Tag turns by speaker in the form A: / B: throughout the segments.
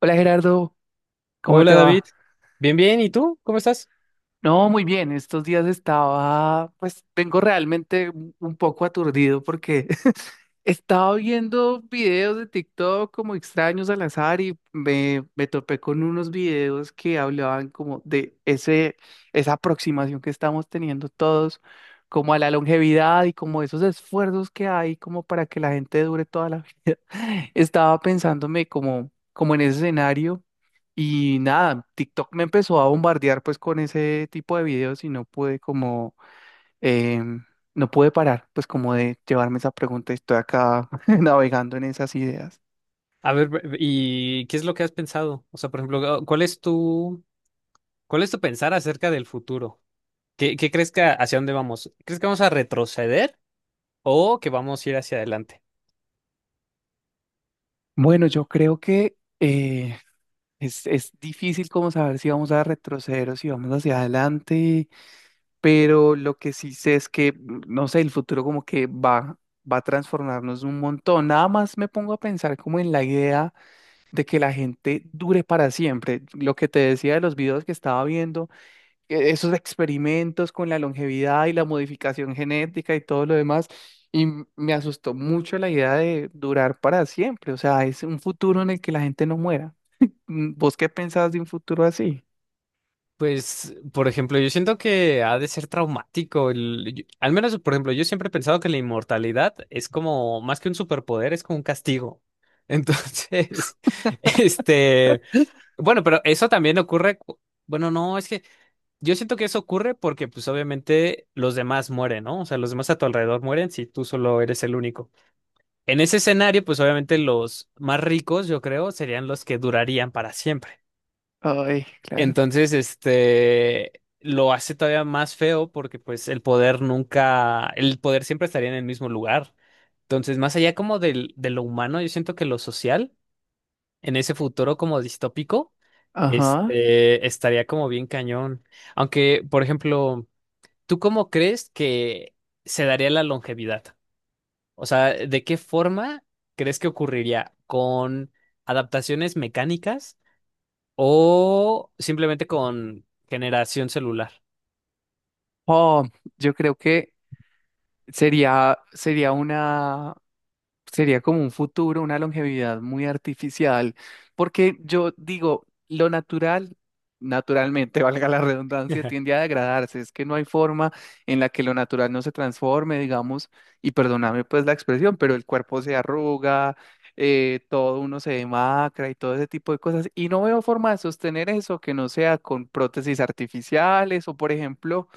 A: Hola Gerardo, ¿cómo
B: Hola
A: te
B: David,
A: va?
B: bien, bien, ¿y tú? ¿Cómo estás?
A: No, muy bien, estos días estaba, pues vengo realmente un poco aturdido porque estaba viendo videos de TikTok como extraños al azar y me topé con unos videos que hablaban como de ese, esa aproximación que estamos teniendo todos, como a la longevidad y como esos esfuerzos que hay como para que la gente dure toda la vida. Estaba pensándome como en ese escenario y nada, TikTok me empezó a bombardear pues con ese tipo de videos y em, no pude parar, pues como de llevarme esa pregunta y estoy acá navegando en esas ideas.
B: A ver, ¿y qué es lo que has pensado? O sea, por ejemplo, oh, ¿cuál es tu pensar acerca del futuro? ¿Qué crees que hacia dónde vamos? ¿Crees que vamos a retroceder o que vamos a ir hacia adelante?
A: Bueno, yo creo que es difícil como saber si vamos a retroceder o si vamos hacia adelante, pero lo que sí sé es que, no sé, el futuro como que va a transformarnos un montón. Nada más me pongo a pensar como en la idea de que la gente dure para siempre. Lo que te decía de los videos que estaba viendo. Esos experimentos con la longevidad y la modificación genética y todo lo demás. Y me asustó mucho la idea de durar para siempre. O sea, es un futuro en el que la gente no muera. ¿Vos qué pensás de un futuro así?
B: Pues, por ejemplo, yo siento que ha de ser traumático. Al menos, por ejemplo, yo siempre he pensado que la inmortalidad es como, más que un superpoder, es como un castigo. Entonces, este, bueno, pero eso también ocurre, bueno, no, es que. Yo siento que eso ocurre porque, pues, obviamente los demás mueren, ¿no? O sea, los demás a tu alrededor mueren si tú solo eres el único. En ese escenario, pues, obviamente los más ricos, yo creo, serían los que durarían para siempre.
A: Ay, claro.
B: Entonces, este, lo hace todavía más feo porque, pues, el poder nunca, el poder siempre estaría en el mismo lugar. Entonces, más allá como de lo humano, yo siento que lo social, en ese futuro como distópico,
A: Ajá.
B: este, estaría como bien cañón. Aunque, por ejemplo. ¿Tú cómo crees que se daría la longevidad? O sea, ¿de qué forma crees que ocurriría? ¿Con adaptaciones mecánicas o simplemente con generación celular?
A: Oh, yo creo que sería, sería una Sería como un futuro, una longevidad muy artificial, porque yo digo, lo natural, naturalmente, valga la redundancia, tiende a degradarse, es que no hay forma en la que lo natural no se transforme, digamos, y perdóname pues la expresión, pero el cuerpo se arruga, todo uno se demacra y todo ese tipo de cosas, y no veo forma de sostener eso que no sea con prótesis artificiales o, por ejemplo,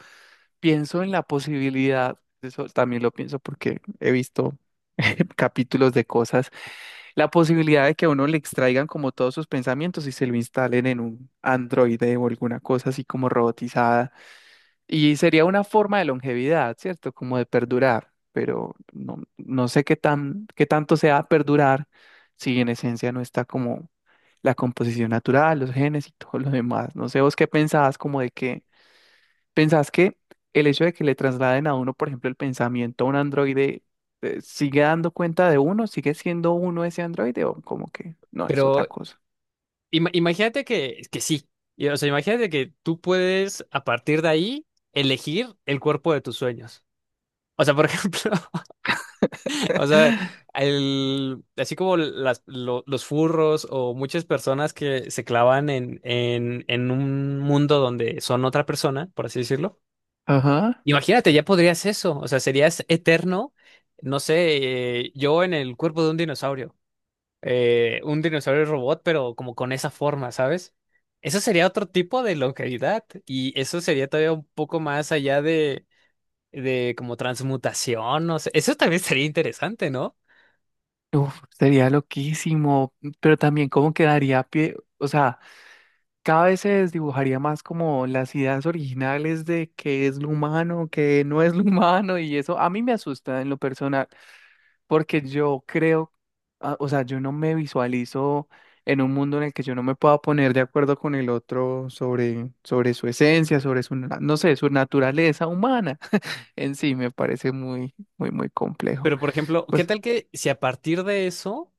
A: pienso en la posibilidad, eso también lo pienso porque he visto capítulos de cosas, la posibilidad de que a uno le extraigan como todos sus pensamientos y se lo instalen en un androide o alguna cosa así como robotizada. Y sería una forma de longevidad, ¿cierto? Como de perdurar, pero no sé qué tan, qué tanto sea perdurar si en esencia no está como la composición natural, los genes y todo lo demás. No sé vos qué pensabas como de que ¿pensás que el hecho de que le trasladen a uno, por ejemplo, el pensamiento a un androide, sigue dando cuenta de uno? ¿Sigue siendo uno ese androide o como que no es otra
B: Pero
A: cosa?
B: imagínate que sí. O sea, imagínate que tú puedes a partir de ahí elegir el cuerpo de tus sueños. O sea, por ejemplo, o sea, así como los furros o muchas personas que se clavan en un mundo donde son otra persona, por así decirlo.
A: Ajá.
B: Imagínate, ya podrías eso. O sea, serías eterno, no sé, yo en el cuerpo de un dinosaurio. Un dinosaurio robot, pero como con esa forma, ¿sabes? Eso sería otro tipo de longevidad y eso sería todavía un poco más allá de como transmutación, no sé. Eso también sería interesante, ¿no?
A: Uf, sería loquísimo, pero también como quedaría pie, o sea, cada vez se desdibujaría más como las ideas originales de qué es lo humano, qué no es lo humano y eso a mí me asusta en lo personal. Porque yo creo, ah, o sea, yo no me visualizo en un mundo en el que yo no me pueda poner de acuerdo con el otro sobre su esencia, sobre su, no sé, su naturaleza humana en sí, me parece muy, muy, muy complejo.
B: Pero, por ejemplo, ¿qué
A: Pues
B: tal que si a partir de eso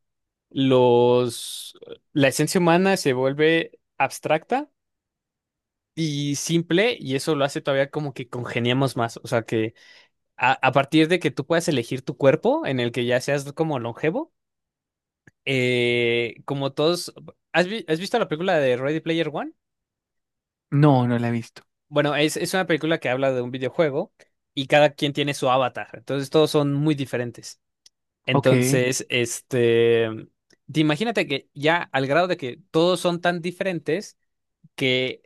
B: los la esencia humana se vuelve abstracta y simple y eso lo hace todavía como que congeniamos más? O sea, que a partir de que tú puedas elegir tu cuerpo en el que ya seas como longevo, como todos. ¿Has visto la película de Ready Player One?
A: no, no la he visto.
B: Bueno, es una película que habla de un videojuego y cada quien tiene su avatar, entonces todos son muy diferentes.
A: Ok,
B: Entonces, este, te imagínate que ya al grado de que todos son tan diferentes que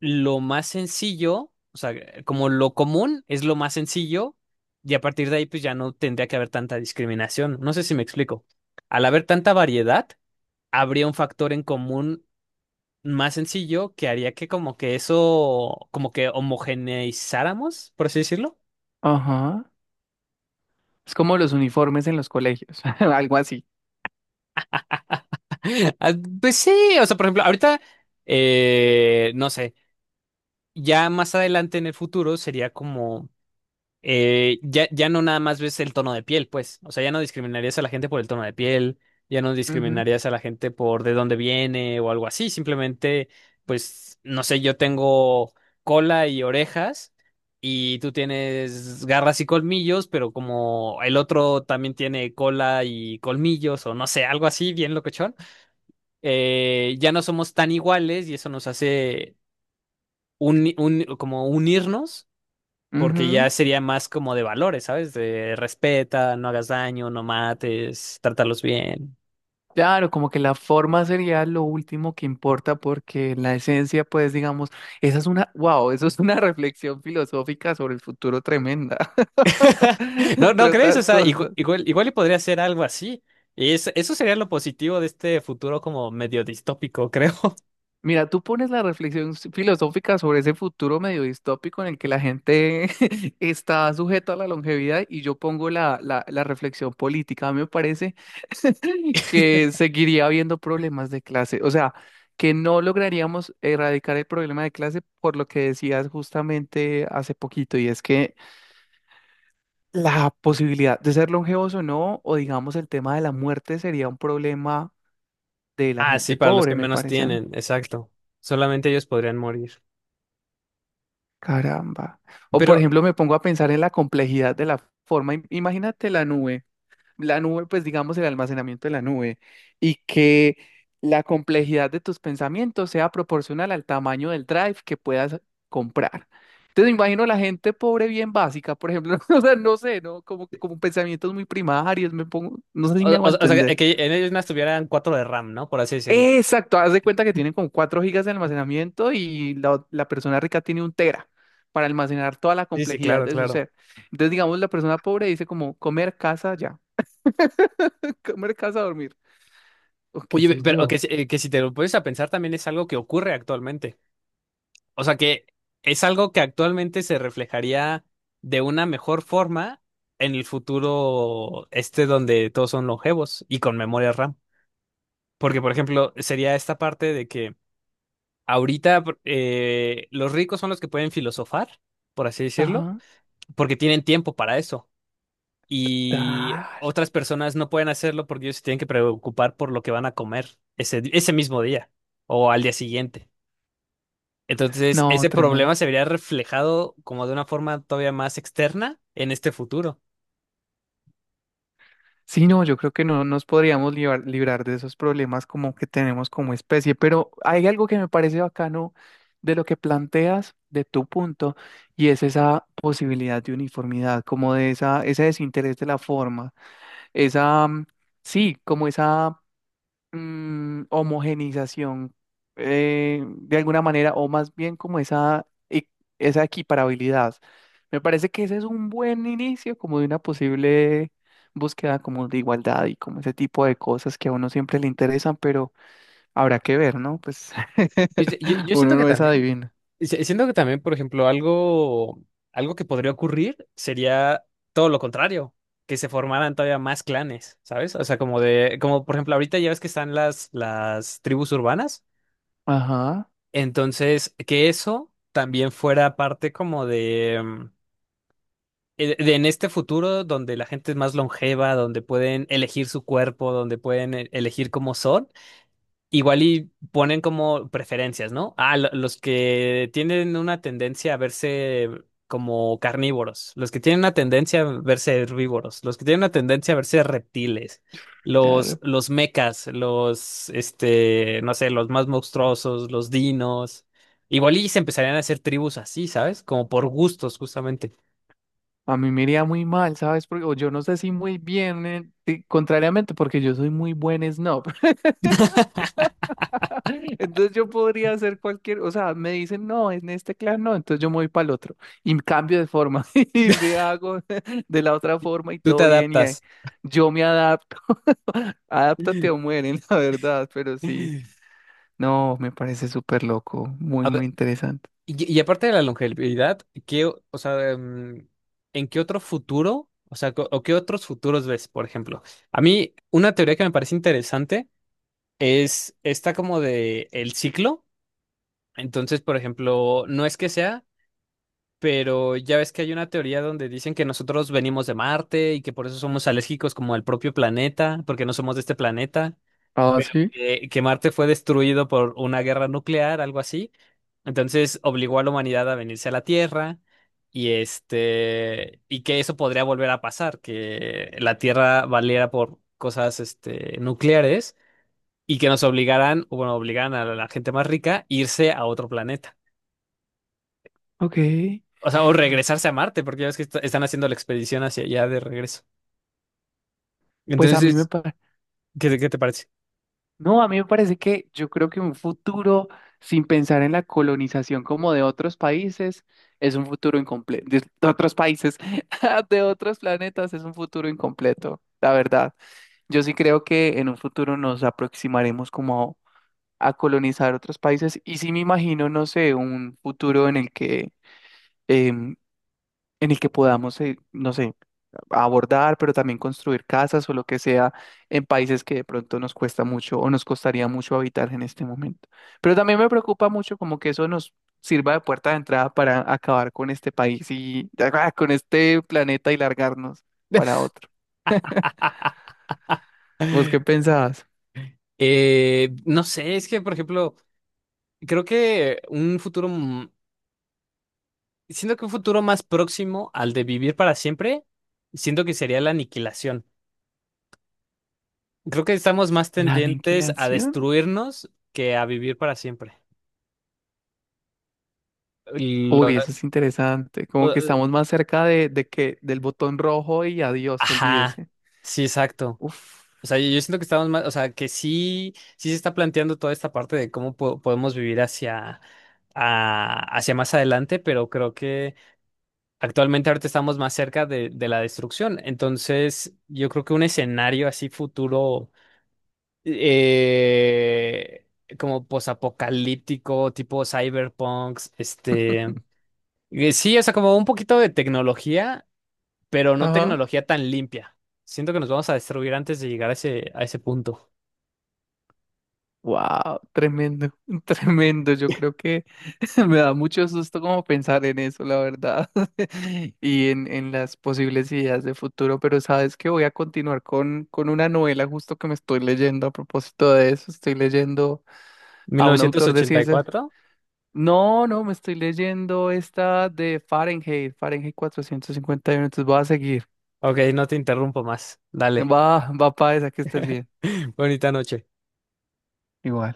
B: lo más sencillo, o sea, como lo común es lo más sencillo y a partir de ahí pues ya no tendría que haber tanta discriminación. No sé si me explico. Al haber tanta variedad, habría un factor en común más sencillo que haría que como que eso, como que homogeneizáramos, por así decirlo.
A: ajá. Es como los uniformes en los colegios, algo así.
B: Ah, pues sí, o sea, por ejemplo, ahorita, no sé. Ya más adelante en el futuro sería como, ya no nada más ves el tono de piel, pues, o sea, ya no discriminarías a la gente por el tono de piel, ya no
A: Ujú,
B: discriminarías a la gente por de dónde viene o algo así, simplemente, pues, no sé, yo tengo cola y orejas y tú tienes garras y colmillos, pero como el otro también tiene cola y colmillos o no sé, algo así, bien locochón, ya no somos tan iguales y eso nos hace. Como unirnos porque ya
A: ujú.
B: sería más como de valores, ¿sabes? De respeta, no hagas daño, no mates, trátalos bien.
A: Claro, como que la forma sería lo último que importa porque la esencia, pues digamos, esa es una, wow, eso es una reflexión filosófica sobre el futuro tremenda,
B: ¿No, no
A: entre
B: crees? O
A: otras
B: sea,
A: cosas.
B: igual, igual, y podría ser algo así. Y eso sería lo positivo de este futuro como medio distópico, creo.
A: Mira, tú pones la reflexión filosófica sobre ese futuro medio distópico en el que la gente está sujeta a la longevidad y yo pongo la reflexión política. A mí me parece que seguiría habiendo problemas de clase, o sea, que no lograríamos erradicar el problema de clase por lo que decías justamente hace poquito, y es que la posibilidad de ser longevos o no, o digamos el tema de la muerte sería un problema de la
B: Ah, sí,
A: gente
B: para los que
A: pobre, me
B: menos
A: parece.
B: tienen, exacto. Solamente ellos podrían morir.
A: Caramba. O por
B: Pero,
A: ejemplo, me pongo a pensar en la complejidad de la forma. Imagínate la nube, pues digamos el almacenamiento de la nube, y que la complejidad de tus pensamientos sea proporcional al tamaño del drive que puedas comprar. Entonces me imagino la gente pobre bien básica, por ejemplo, o sea, no sé, ¿no? Como, como pensamientos muy primarios, me pongo, no sé si me hago
B: o sea,
A: entender.
B: que en ellos no estuvieran cuatro de RAM, ¿no? Por así decirlo.
A: Exacto, haz de cuenta que tienen como 4 gigas de almacenamiento y la, la persona rica tiene un tera para almacenar toda la
B: Sí, sí,
A: complejidad
B: claro,
A: de su
B: claro.
A: ser. Entonces, digamos, la persona pobre dice como comer, casa, ya, comer, casa, dormir, o qué
B: Oye,
A: sé
B: pero que,
A: yo.
B: si- eh, que si te lo pones a pensar también es algo que ocurre actualmente. O sea que es algo que actualmente se reflejaría de una mejor forma en el futuro este donde todos son longevos y con memoria RAM. Porque, por ejemplo, sería esta parte de que ahorita los ricos son los que pueden filosofar, por así decirlo,
A: Ajá,
B: porque tienen tiempo para eso. Y
A: tal.
B: otras personas no pueden hacerlo porque ellos se tienen que preocupar por lo que van a comer ese mismo día o al día siguiente. Entonces,
A: No,
B: ese problema
A: tremendo.
B: se vería reflejado como de una forma todavía más externa en este futuro.
A: Sí, no, yo creo que no nos podríamos librar de esos problemas como que tenemos como especie, pero hay algo que me parece bacano de lo que planteas, de tu punto, y es esa posibilidad de uniformidad, como de esa, ese desinterés de la forma, esa, sí, como esa homogenización de alguna manera, o más bien como esa, esa equiparabilidad. Me parece que ese es un buen inicio como de una posible búsqueda como de igualdad y como ese tipo de cosas que a uno siempre le interesan, pero habrá que ver, ¿no? Pues
B: Pues, yo
A: uno
B: siento que
A: no es
B: también,
A: adivino.
B: siento que también, por ejemplo, algo que podría ocurrir sería todo lo contrario, que se formaran todavía más clanes, ¿sabes? O sea, como de, como por ejemplo, ahorita ya ves que están las tribus urbanas,
A: Ajá,
B: entonces que eso también fuera parte como en este futuro donde la gente es más longeva, donde pueden elegir su cuerpo, donde pueden elegir cómo son, igual y ponen como preferencias, ¿no? Ah, los que tienen una tendencia a verse como carnívoros, los que tienen una tendencia a verse herbívoros, los que tienen una tendencia a verse reptiles, los,
A: claro.
B: los mecas, este, no sé, los más monstruosos, los dinos. Igual y se empezarían a hacer tribus así, ¿sabes? Como por gustos, justamente.
A: A mí me iría muy mal, ¿sabes? Porque o yo no sé si muy bien, y contrariamente, porque yo soy muy buen snob. Entonces yo podría hacer cualquier, o sea, me dicen, no, en este clan no, entonces yo me voy para el otro y cambio de forma y me hago de la otra forma y
B: Tú te
A: todo bien y ahí
B: adaptas.
A: yo me adapto. Adáptate o
B: A
A: mueren, la verdad, pero sí, no, me parece súper loco, muy, muy
B: ver,
A: interesante.
B: y aparte de la longevidad, ¿qué, o sea, en qué otro futuro, o sea, o qué otros futuros ves, por ejemplo? A mí, una teoría que me parece interesante es esta como de el ciclo. Entonces, por ejemplo, no es que sea, pero ya ves que hay una teoría donde dicen que nosotros venimos de Marte y que por eso somos alérgicos como al propio planeta, porque no somos de este planeta.
A: Ah, sí.
B: Que Marte fue destruido por una guerra nuclear, algo así. Entonces obligó a la humanidad a venirse a la Tierra y este y que eso podría volver a pasar, que la Tierra valiera por cosas este nucleares y que nos obligaran, o bueno, obligaran a la gente más rica a irse a otro planeta.
A: Ok,
B: O sea, o regresarse a Marte, porque ya ves que están haciendo la expedición hacia allá de regreso.
A: pues a mí me
B: Entonces,
A: parece.
B: ¿qué te parece?
A: No, a mí me parece que yo creo que un futuro sin pensar en la colonización como de otros países es un futuro incompleto. De otros países, de otros planetas es un futuro incompleto, la verdad. Yo sí creo que en un futuro nos aproximaremos como a, colonizar otros países y sí me imagino, no sé, un futuro en el que, em, en el que podamos, no sé abordar, pero también construir casas o lo que sea en países que de pronto nos cuesta mucho o nos costaría mucho habitar en este momento. Pero también me preocupa mucho como que eso nos sirva de puerta de entrada para acabar con este país y con este planeta y largarnos para otro. ¿Vos qué pensabas?
B: No sé, es que, por ejemplo, creo que un futuro Siento que un futuro más próximo al de vivir para siempre, siento que sería la aniquilación. Creo que estamos más
A: ¿La
B: tendentes a
A: aniquilación?
B: destruirnos que a vivir para siempre. Lo-
A: Uy, eso es interesante. Como que
B: o-
A: estamos más cerca de que del botón rojo y adiós,
B: ajá,
A: olvídese.
B: sí, exacto.
A: Uf.
B: O sea, yo siento que estamos más, o sea, que sí, sí se está planteando toda esta parte de cómo podemos vivir hacia, hacia más adelante, pero creo que actualmente ahorita estamos más cerca de la destrucción. Entonces, yo creo que un escenario así futuro. eh, como posapocalíptico, tipo cyberpunks, este, sí, o sea, como un poquito de tecnología, pero no
A: Ajá.
B: tecnología tan limpia. Siento que nos vamos a destruir antes de llegar a ese punto.
A: Wow, tremendo, tremendo. Yo creo que me da mucho susto como pensar en eso, la verdad, y en las posibles ideas de futuro, pero sabes que voy a continuar con una novela justo que me estoy leyendo a propósito de eso. Estoy leyendo
B: mil
A: a un
B: novecientos
A: autor de
B: ochenta y
A: ciencias.
B: cuatro
A: No, no, me estoy leyendo esta de Fahrenheit 451. Entonces voy a seguir.
B: Ok, no te interrumpo más. Dale.
A: Va para esa que estés bien.
B: Bonita noche.
A: Igual.